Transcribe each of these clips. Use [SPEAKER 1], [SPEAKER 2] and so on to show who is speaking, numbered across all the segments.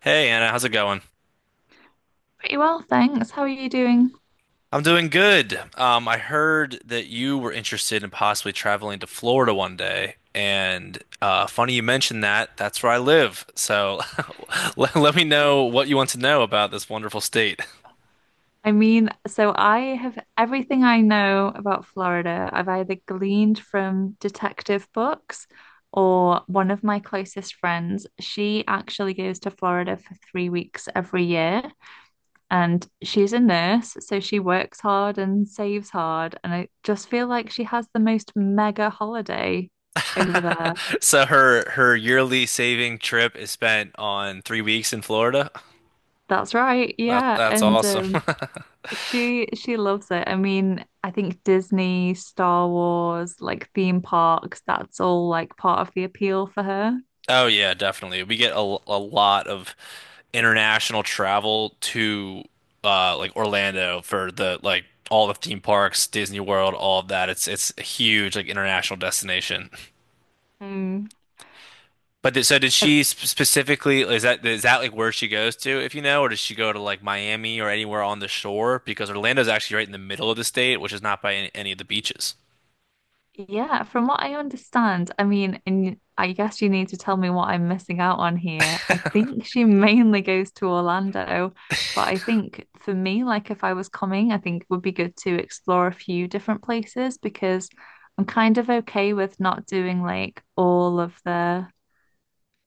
[SPEAKER 1] Hey Anna, how's it going?
[SPEAKER 2] Pretty well, thanks. How are you doing?
[SPEAKER 1] I'm doing good. I heard that you were interested in possibly traveling to Florida one day, and funny you mentioned that. That's where I live. So let me know what you want to know about this wonderful state.
[SPEAKER 2] So I have everything I know about Florida, I've either gleaned from detective books or one of my closest friends. She actually goes to Florida for 3 weeks every year, and she's a nurse, so she works hard and saves hard. And I just feel like she has the most mega holiday over there.
[SPEAKER 1] So her yearly saving trip is spent on 3 weeks in Florida.
[SPEAKER 2] That's right,
[SPEAKER 1] That
[SPEAKER 2] yeah.
[SPEAKER 1] that's
[SPEAKER 2] And
[SPEAKER 1] awesome.
[SPEAKER 2] She loves it. I mean, I think Disney, Star Wars, like theme parks, that's all like part of the appeal for her.
[SPEAKER 1] Oh yeah, definitely. We get a lot of international travel to like Orlando for the like all the theme parks, Disney World, all of that. It's a huge like international destination.
[SPEAKER 2] Um,
[SPEAKER 1] But th so did
[SPEAKER 2] uh,
[SPEAKER 1] she sp specifically, is that, is that like where she goes to, if you know, or does she go to like Miami or anywhere on the shore, because Orlando's actually right in the middle of the state, which is not by any of the beaches.
[SPEAKER 2] yeah, from what I understand. I mean, and I guess you need to tell me what I'm missing out on here. I think she mainly goes to Orlando, but I think for me, like if I was coming, I think it would be good to explore a few different places, because I'm kind of okay with not doing like all of the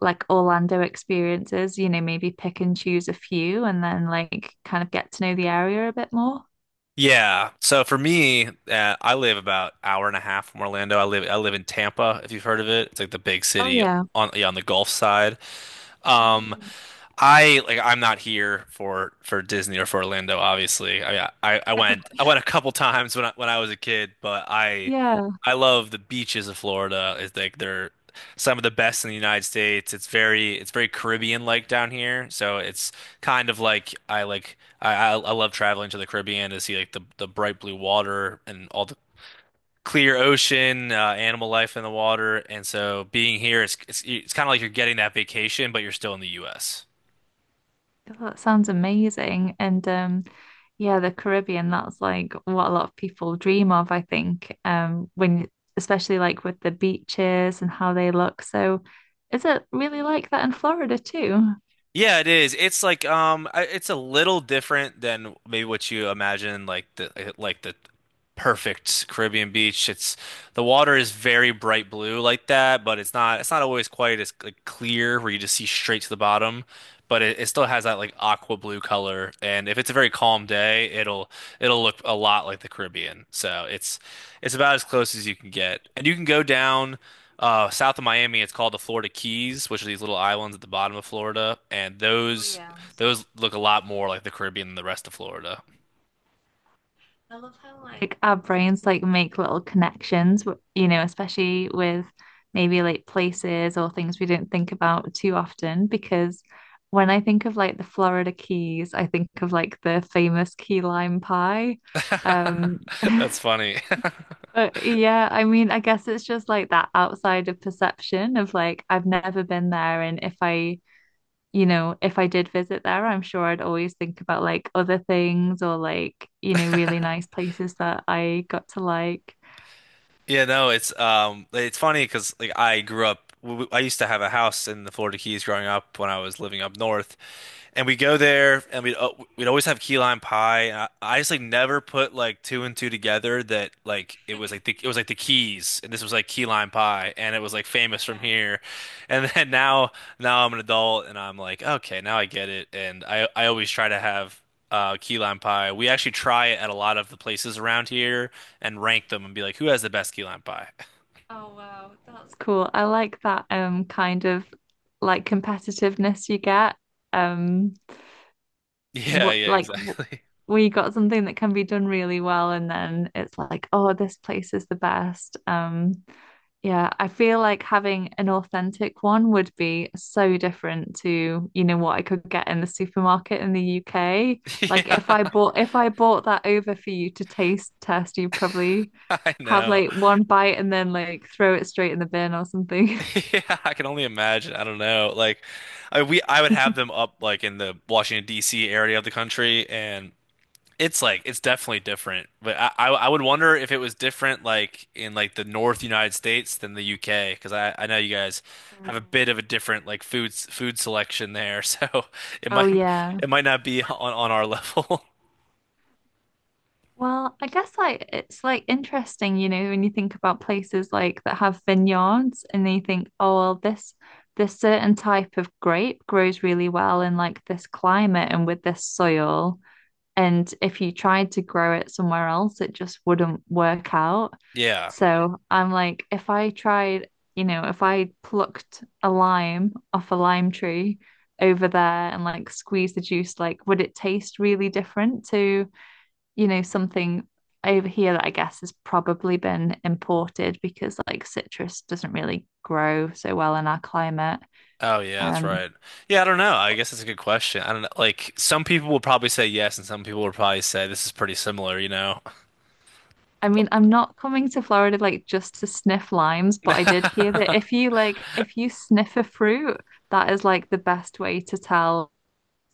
[SPEAKER 2] like Orlando experiences, maybe pick and choose a few and then like kind of get to know the area a bit more.
[SPEAKER 1] Yeah. So for me, I live about hour and a half from Orlando. I live in Tampa, if you've heard of it. It's like the big
[SPEAKER 2] Oh
[SPEAKER 1] city
[SPEAKER 2] yeah.
[SPEAKER 1] on, yeah, on the Gulf side. Um,
[SPEAKER 2] Mm.
[SPEAKER 1] I like I'm not here for Disney or for Orlando, obviously. I went a couple times when I was a kid, but
[SPEAKER 2] Yeah.
[SPEAKER 1] I love the beaches of Florida. It's like they're some of the best in the United States. It's very Caribbean like down here. So it's kind of like I love traveling to the Caribbean to see like the bright blue water and all the clear ocean, animal life in the water. And so being here, it's kind of like you're getting that vacation, but you're still in the US.
[SPEAKER 2] Oh, that sounds amazing. And Yeah, the Caribbean, that's like what a lot of people dream of, I think. Um, when especially like with the beaches and how they look. So is it really like that in Florida too?
[SPEAKER 1] Yeah, it is. It's like it's a little different than maybe what you imagine, like the perfect Caribbean beach. It's the water is very bright blue like that, but it's not always quite as like clear where you just see straight to the bottom. But it still has that like aqua blue color, and if it's a very calm day, it'll look a lot like the Caribbean. So it's about as close as you can get, and you can go down. South of Miami, it's called the Florida Keys, which are these little islands at the bottom of Florida, and those look a lot more like the Caribbean than the rest of Florida.
[SPEAKER 2] Like our brains like make little connections, especially with maybe like places or things we don't think about too often. Because when I think of like the Florida Keys, I think of like the famous key lime pie. Um,
[SPEAKER 1] That's funny.
[SPEAKER 2] but yeah, I mean, I guess it's just like that outside of perception of like I've never been there, and if I did visit there, I'm sure I'd always think about like other things or like, really nice places that I got to like.
[SPEAKER 1] Yeah, no, it's funny because like I grew up, I used to have a house in the Florida Keys growing up when I was living up north, and we go there and we'd always have key lime pie. And I just like never put like two and two together that like it was like the Keys, and this was like key lime pie and it was like famous from
[SPEAKER 2] Yeah.
[SPEAKER 1] here, and then now I'm an adult and I'm like, okay, now I get it, and I always try to have key lime pie. We actually try it at a lot of the places around here and rank them and be like, who has the best key lamp pie?
[SPEAKER 2] Oh, wow. That's cool. I like that kind of like competitiveness you get. Um
[SPEAKER 1] Yeah,
[SPEAKER 2] what
[SPEAKER 1] yeah,
[SPEAKER 2] like w-
[SPEAKER 1] exactly.
[SPEAKER 2] we got something that can be done really well, and then it's like, oh, this place is the best. Um, yeah, I feel like having an authentic one would be so different to, what I could get in the supermarket in the UK. Like if I
[SPEAKER 1] Yeah,
[SPEAKER 2] bought if I bought that over for you to taste test, you'd probably
[SPEAKER 1] I
[SPEAKER 2] have
[SPEAKER 1] know.
[SPEAKER 2] like one bite and then like throw it straight in the bin or something.
[SPEAKER 1] Yeah, I can only imagine. I don't know. Like, I would have them up like in the Washington D.C. area of the country, and it's like it's definitely different. But I would wonder if it was different like in like the North United States than the U.K., because I know you guys have a
[SPEAKER 2] Mm.
[SPEAKER 1] bit of a different like food selection there, so it
[SPEAKER 2] Oh
[SPEAKER 1] might
[SPEAKER 2] yeah.
[SPEAKER 1] it might not be on our level.
[SPEAKER 2] Well, I guess like it's like interesting, when you think about places like that have vineyards, and then you think, oh well, this certain type of grape grows really well in like this climate and with this soil. And if you tried to grow it somewhere else, it just wouldn't work out.
[SPEAKER 1] Yeah.
[SPEAKER 2] So I'm like, if I tried, if I plucked a lime off a lime tree over there and like squeezed the juice, like would it taste really different to something over here that I guess has probably been imported, because like citrus doesn't really grow so well in our climate.
[SPEAKER 1] Oh yeah, that's
[SPEAKER 2] Um,
[SPEAKER 1] right. Yeah, I don't know. I guess that's a good question. I don't know. Like some people will probably say yes, and some people will probably say this is pretty similar, you know.
[SPEAKER 2] I mean, I'm not coming to Florida like just to sniff limes, but I did hear that if you like if you sniff a fruit, that is like the best way to tell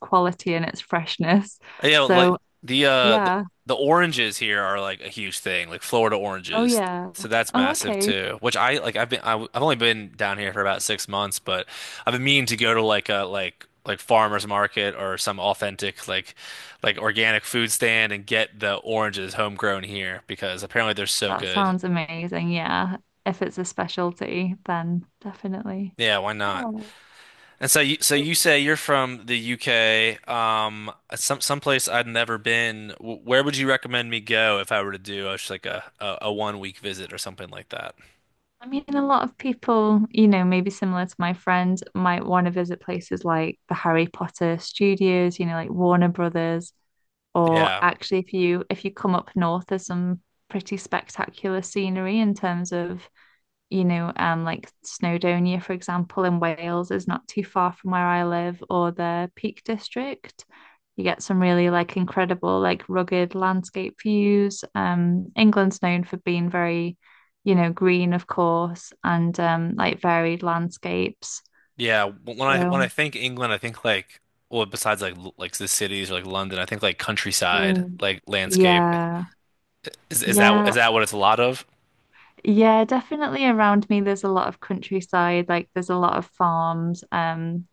[SPEAKER 2] quality and its freshness.
[SPEAKER 1] Yeah, like
[SPEAKER 2] So,
[SPEAKER 1] the uh the,
[SPEAKER 2] yeah.
[SPEAKER 1] the oranges here are like a huge thing, like Florida
[SPEAKER 2] Oh
[SPEAKER 1] oranges.
[SPEAKER 2] yeah.
[SPEAKER 1] So that's
[SPEAKER 2] Oh,
[SPEAKER 1] massive
[SPEAKER 2] okay.
[SPEAKER 1] too. Which I like have only been down here for about 6 months, but I've been meaning to go to like a like like farmers market or some authentic like organic food stand and get the oranges homegrown here because apparently they're so
[SPEAKER 2] That
[SPEAKER 1] good.
[SPEAKER 2] sounds amazing. Yeah. If it's a specialty, then definitely.
[SPEAKER 1] Yeah, why not?
[SPEAKER 2] Oh.
[SPEAKER 1] And so you say you're from the UK, some someplace I'd never been. Where would you recommend me go if I were to do just like a 1 week visit or something like that?
[SPEAKER 2] I mean, a lot of people, maybe similar to my friend, might want to visit places like the Harry Potter studios, like Warner Brothers, or
[SPEAKER 1] Yeah,
[SPEAKER 2] actually if you come up north, there's some pretty spectacular scenery in terms of like Snowdonia, for example. In Wales is not too far from where I live, or the Peak District. You get some really like incredible, like rugged landscape views. England's known for being very, green, of course, and like varied landscapes.
[SPEAKER 1] yeah. When I
[SPEAKER 2] So,
[SPEAKER 1] think England, I think like, well, besides like like the cities or like London, I think like countryside,
[SPEAKER 2] mm,
[SPEAKER 1] like landscape.
[SPEAKER 2] yeah,
[SPEAKER 1] Is that, is
[SPEAKER 2] yeah.
[SPEAKER 1] that what it's a lot of?
[SPEAKER 2] Yeah, definitely around me there's a lot of countryside, like there's a lot of farms.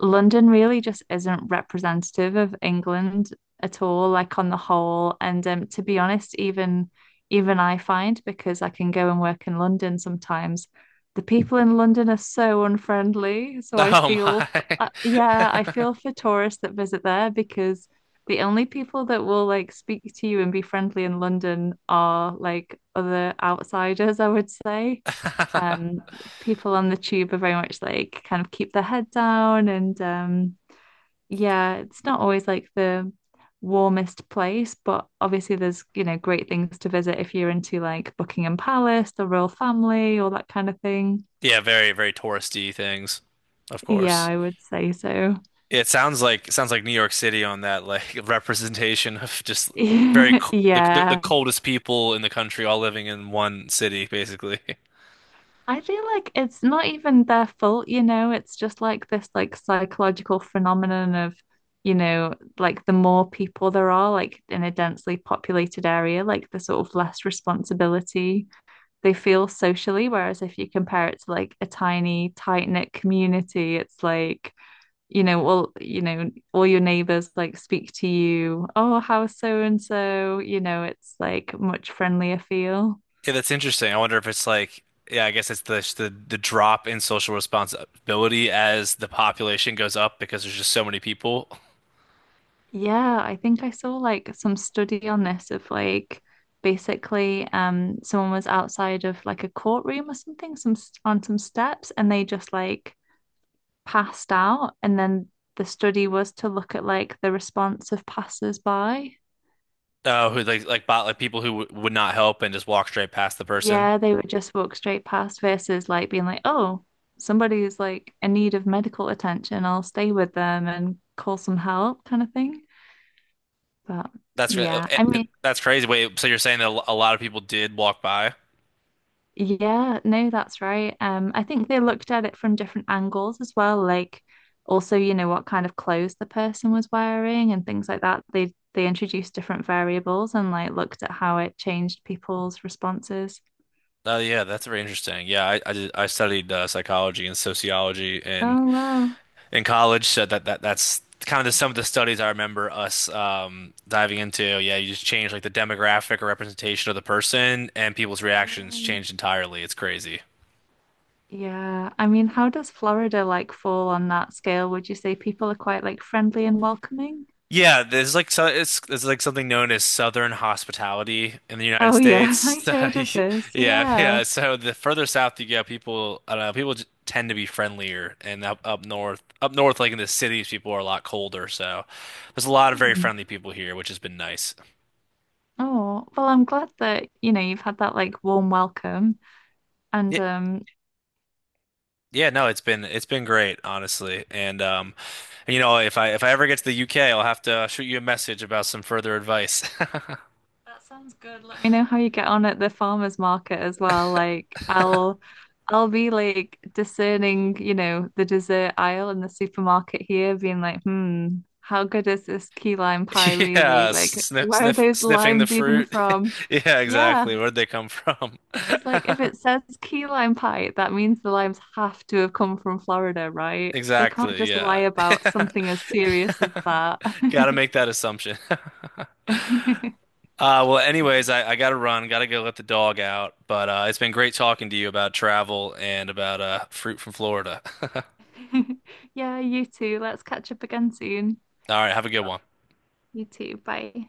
[SPEAKER 2] London really just isn't representative of England at all, like on the whole. And to be honest, even I find, because I can go and work in London sometimes, the people in London are so unfriendly. So I
[SPEAKER 1] Oh
[SPEAKER 2] feel,
[SPEAKER 1] my.
[SPEAKER 2] yeah, I feel for tourists that visit there, because the only people that will like speak to you and be friendly in London are like other outsiders, I would say. Um, people on the tube are very much like kind of keep their head down, and um, yeah, it's not always like the warmest place, but obviously there's, great things to visit if you're into like Buckingham Palace, the royal family, all that kind of thing.
[SPEAKER 1] Yeah, very touristy things, of
[SPEAKER 2] Yeah,
[SPEAKER 1] course.
[SPEAKER 2] I would say so.
[SPEAKER 1] It sounds like New York City on that like representation of just very c- the
[SPEAKER 2] Yeah.
[SPEAKER 1] coldest people in the country all living in one city basically.
[SPEAKER 2] I feel like it's not even their fault, it's just like this like psychological phenomenon of, like the more people there are like in a densely populated area, like the sort of less responsibility they feel socially. Whereas if you compare it to like a tiny, tight-knit community, it's like, all your neighbors like speak to you, oh, how's so and so? It's like much friendlier feel.
[SPEAKER 1] Yeah, that's interesting. I wonder if it's like, yeah, I guess it's the drop in social responsibility as the population goes up, because there's just so many people
[SPEAKER 2] Yeah, I think I saw like some study on this of like basically someone was outside of like a courtroom or something, some on some steps, and they just like passed out, and then the study was to look at like the response of passers-by.
[SPEAKER 1] who like bot like people who w would not help and just walk straight past the person.
[SPEAKER 2] Yeah, they would just walk straight past versus like being like, oh, somebody is like in need of medical attention. I'll stay with them and call some help kind of thing. But yeah, I mean,
[SPEAKER 1] That's crazy. Wait, so you're saying that a lot of people did walk by?
[SPEAKER 2] yeah, no, that's right. I think they looked at it from different angles as well, like also, what kind of clothes the person was wearing and things like that. They introduced different variables and like looked at how it changed people's responses.
[SPEAKER 1] Oh yeah, that's very interesting. Yeah, I studied psychology and sociology
[SPEAKER 2] Oh, wow.
[SPEAKER 1] in college, so that's kind of some of the studies I remember us diving into. Yeah, you just change like the demographic or representation of the person, and people's reactions
[SPEAKER 2] Mm.
[SPEAKER 1] changed entirely. It's crazy.
[SPEAKER 2] Yeah. I mean, how does Florida like fall on that scale? Would you say people are quite like friendly and welcoming?
[SPEAKER 1] Yeah, there's like, so it's, there's like something known as Southern hospitality in the United
[SPEAKER 2] Oh, yeah,
[SPEAKER 1] States.
[SPEAKER 2] I've heard of this.
[SPEAKER 1] Yeah,
[SPEAKER 2] Yeah.
[SPEAKER 1] yeah. So the further south you go, people, I don't know, tend to be friendlier, and up north, like in the cities, people are a lot colder. So there's a lot of very
[SPEAKER 2] Mm.
[SPEAKER 1] friendly people here, which has been nice.
[SPEAKER 2] Oh, well, I'm glad that, you've had that like warm welcome. And
[SPEAKER 1] Yeah, yeah. No, it's been great, honestly. And, you know, if I ever get to the UK, I'll have to shoot you a message about some further advice.
[SPEAKER 2] that sounds good. Let me know how you get on at the farmers market as well. Like I'll be like discerning, the dessert aisle in the supermarket here, being like, hmm, how good is this key lime pie really?
[SPEAKER 1] Yeah,
[SPEAKER 2] Like,
[SPEAKER 1] sniff,
[SPEAKER 2] where are
[SPEAKER 1] sniff,
[SPEAKER 2] those
[SPEAKER 1] sniffing the
[SPEAKER 2] limes even
[SPEAKER 1] fruit.
[SPEAKER 2] from?
[SPEAKER 1] Yeah,
[SPEAKER 2] Yeah.
[SPEAKER 1] exactly. Where'd they come from?
[SPEAKER 2] It's like if it says key lime pie, that means the limes have to have come from Florida, right? They can't
[SPEAKER 1] Exactly.
[SPEAKER 2] just lie
[SPEAKER 1] Yeah.
[SPEAKER 2] about something as serious as that.
[SPEAKER 1] Gotta make that assumption. Well, anyways, I gotta run, gotta go let the dog out. But it's been great talking to you about travel and about fruit from Florida. All
[SPEAKER 2] Yeah, you too. Let's catch up again soon.
[SPEAKER 1] right, have a good one.
[SPEAKER 2] You too. Bye.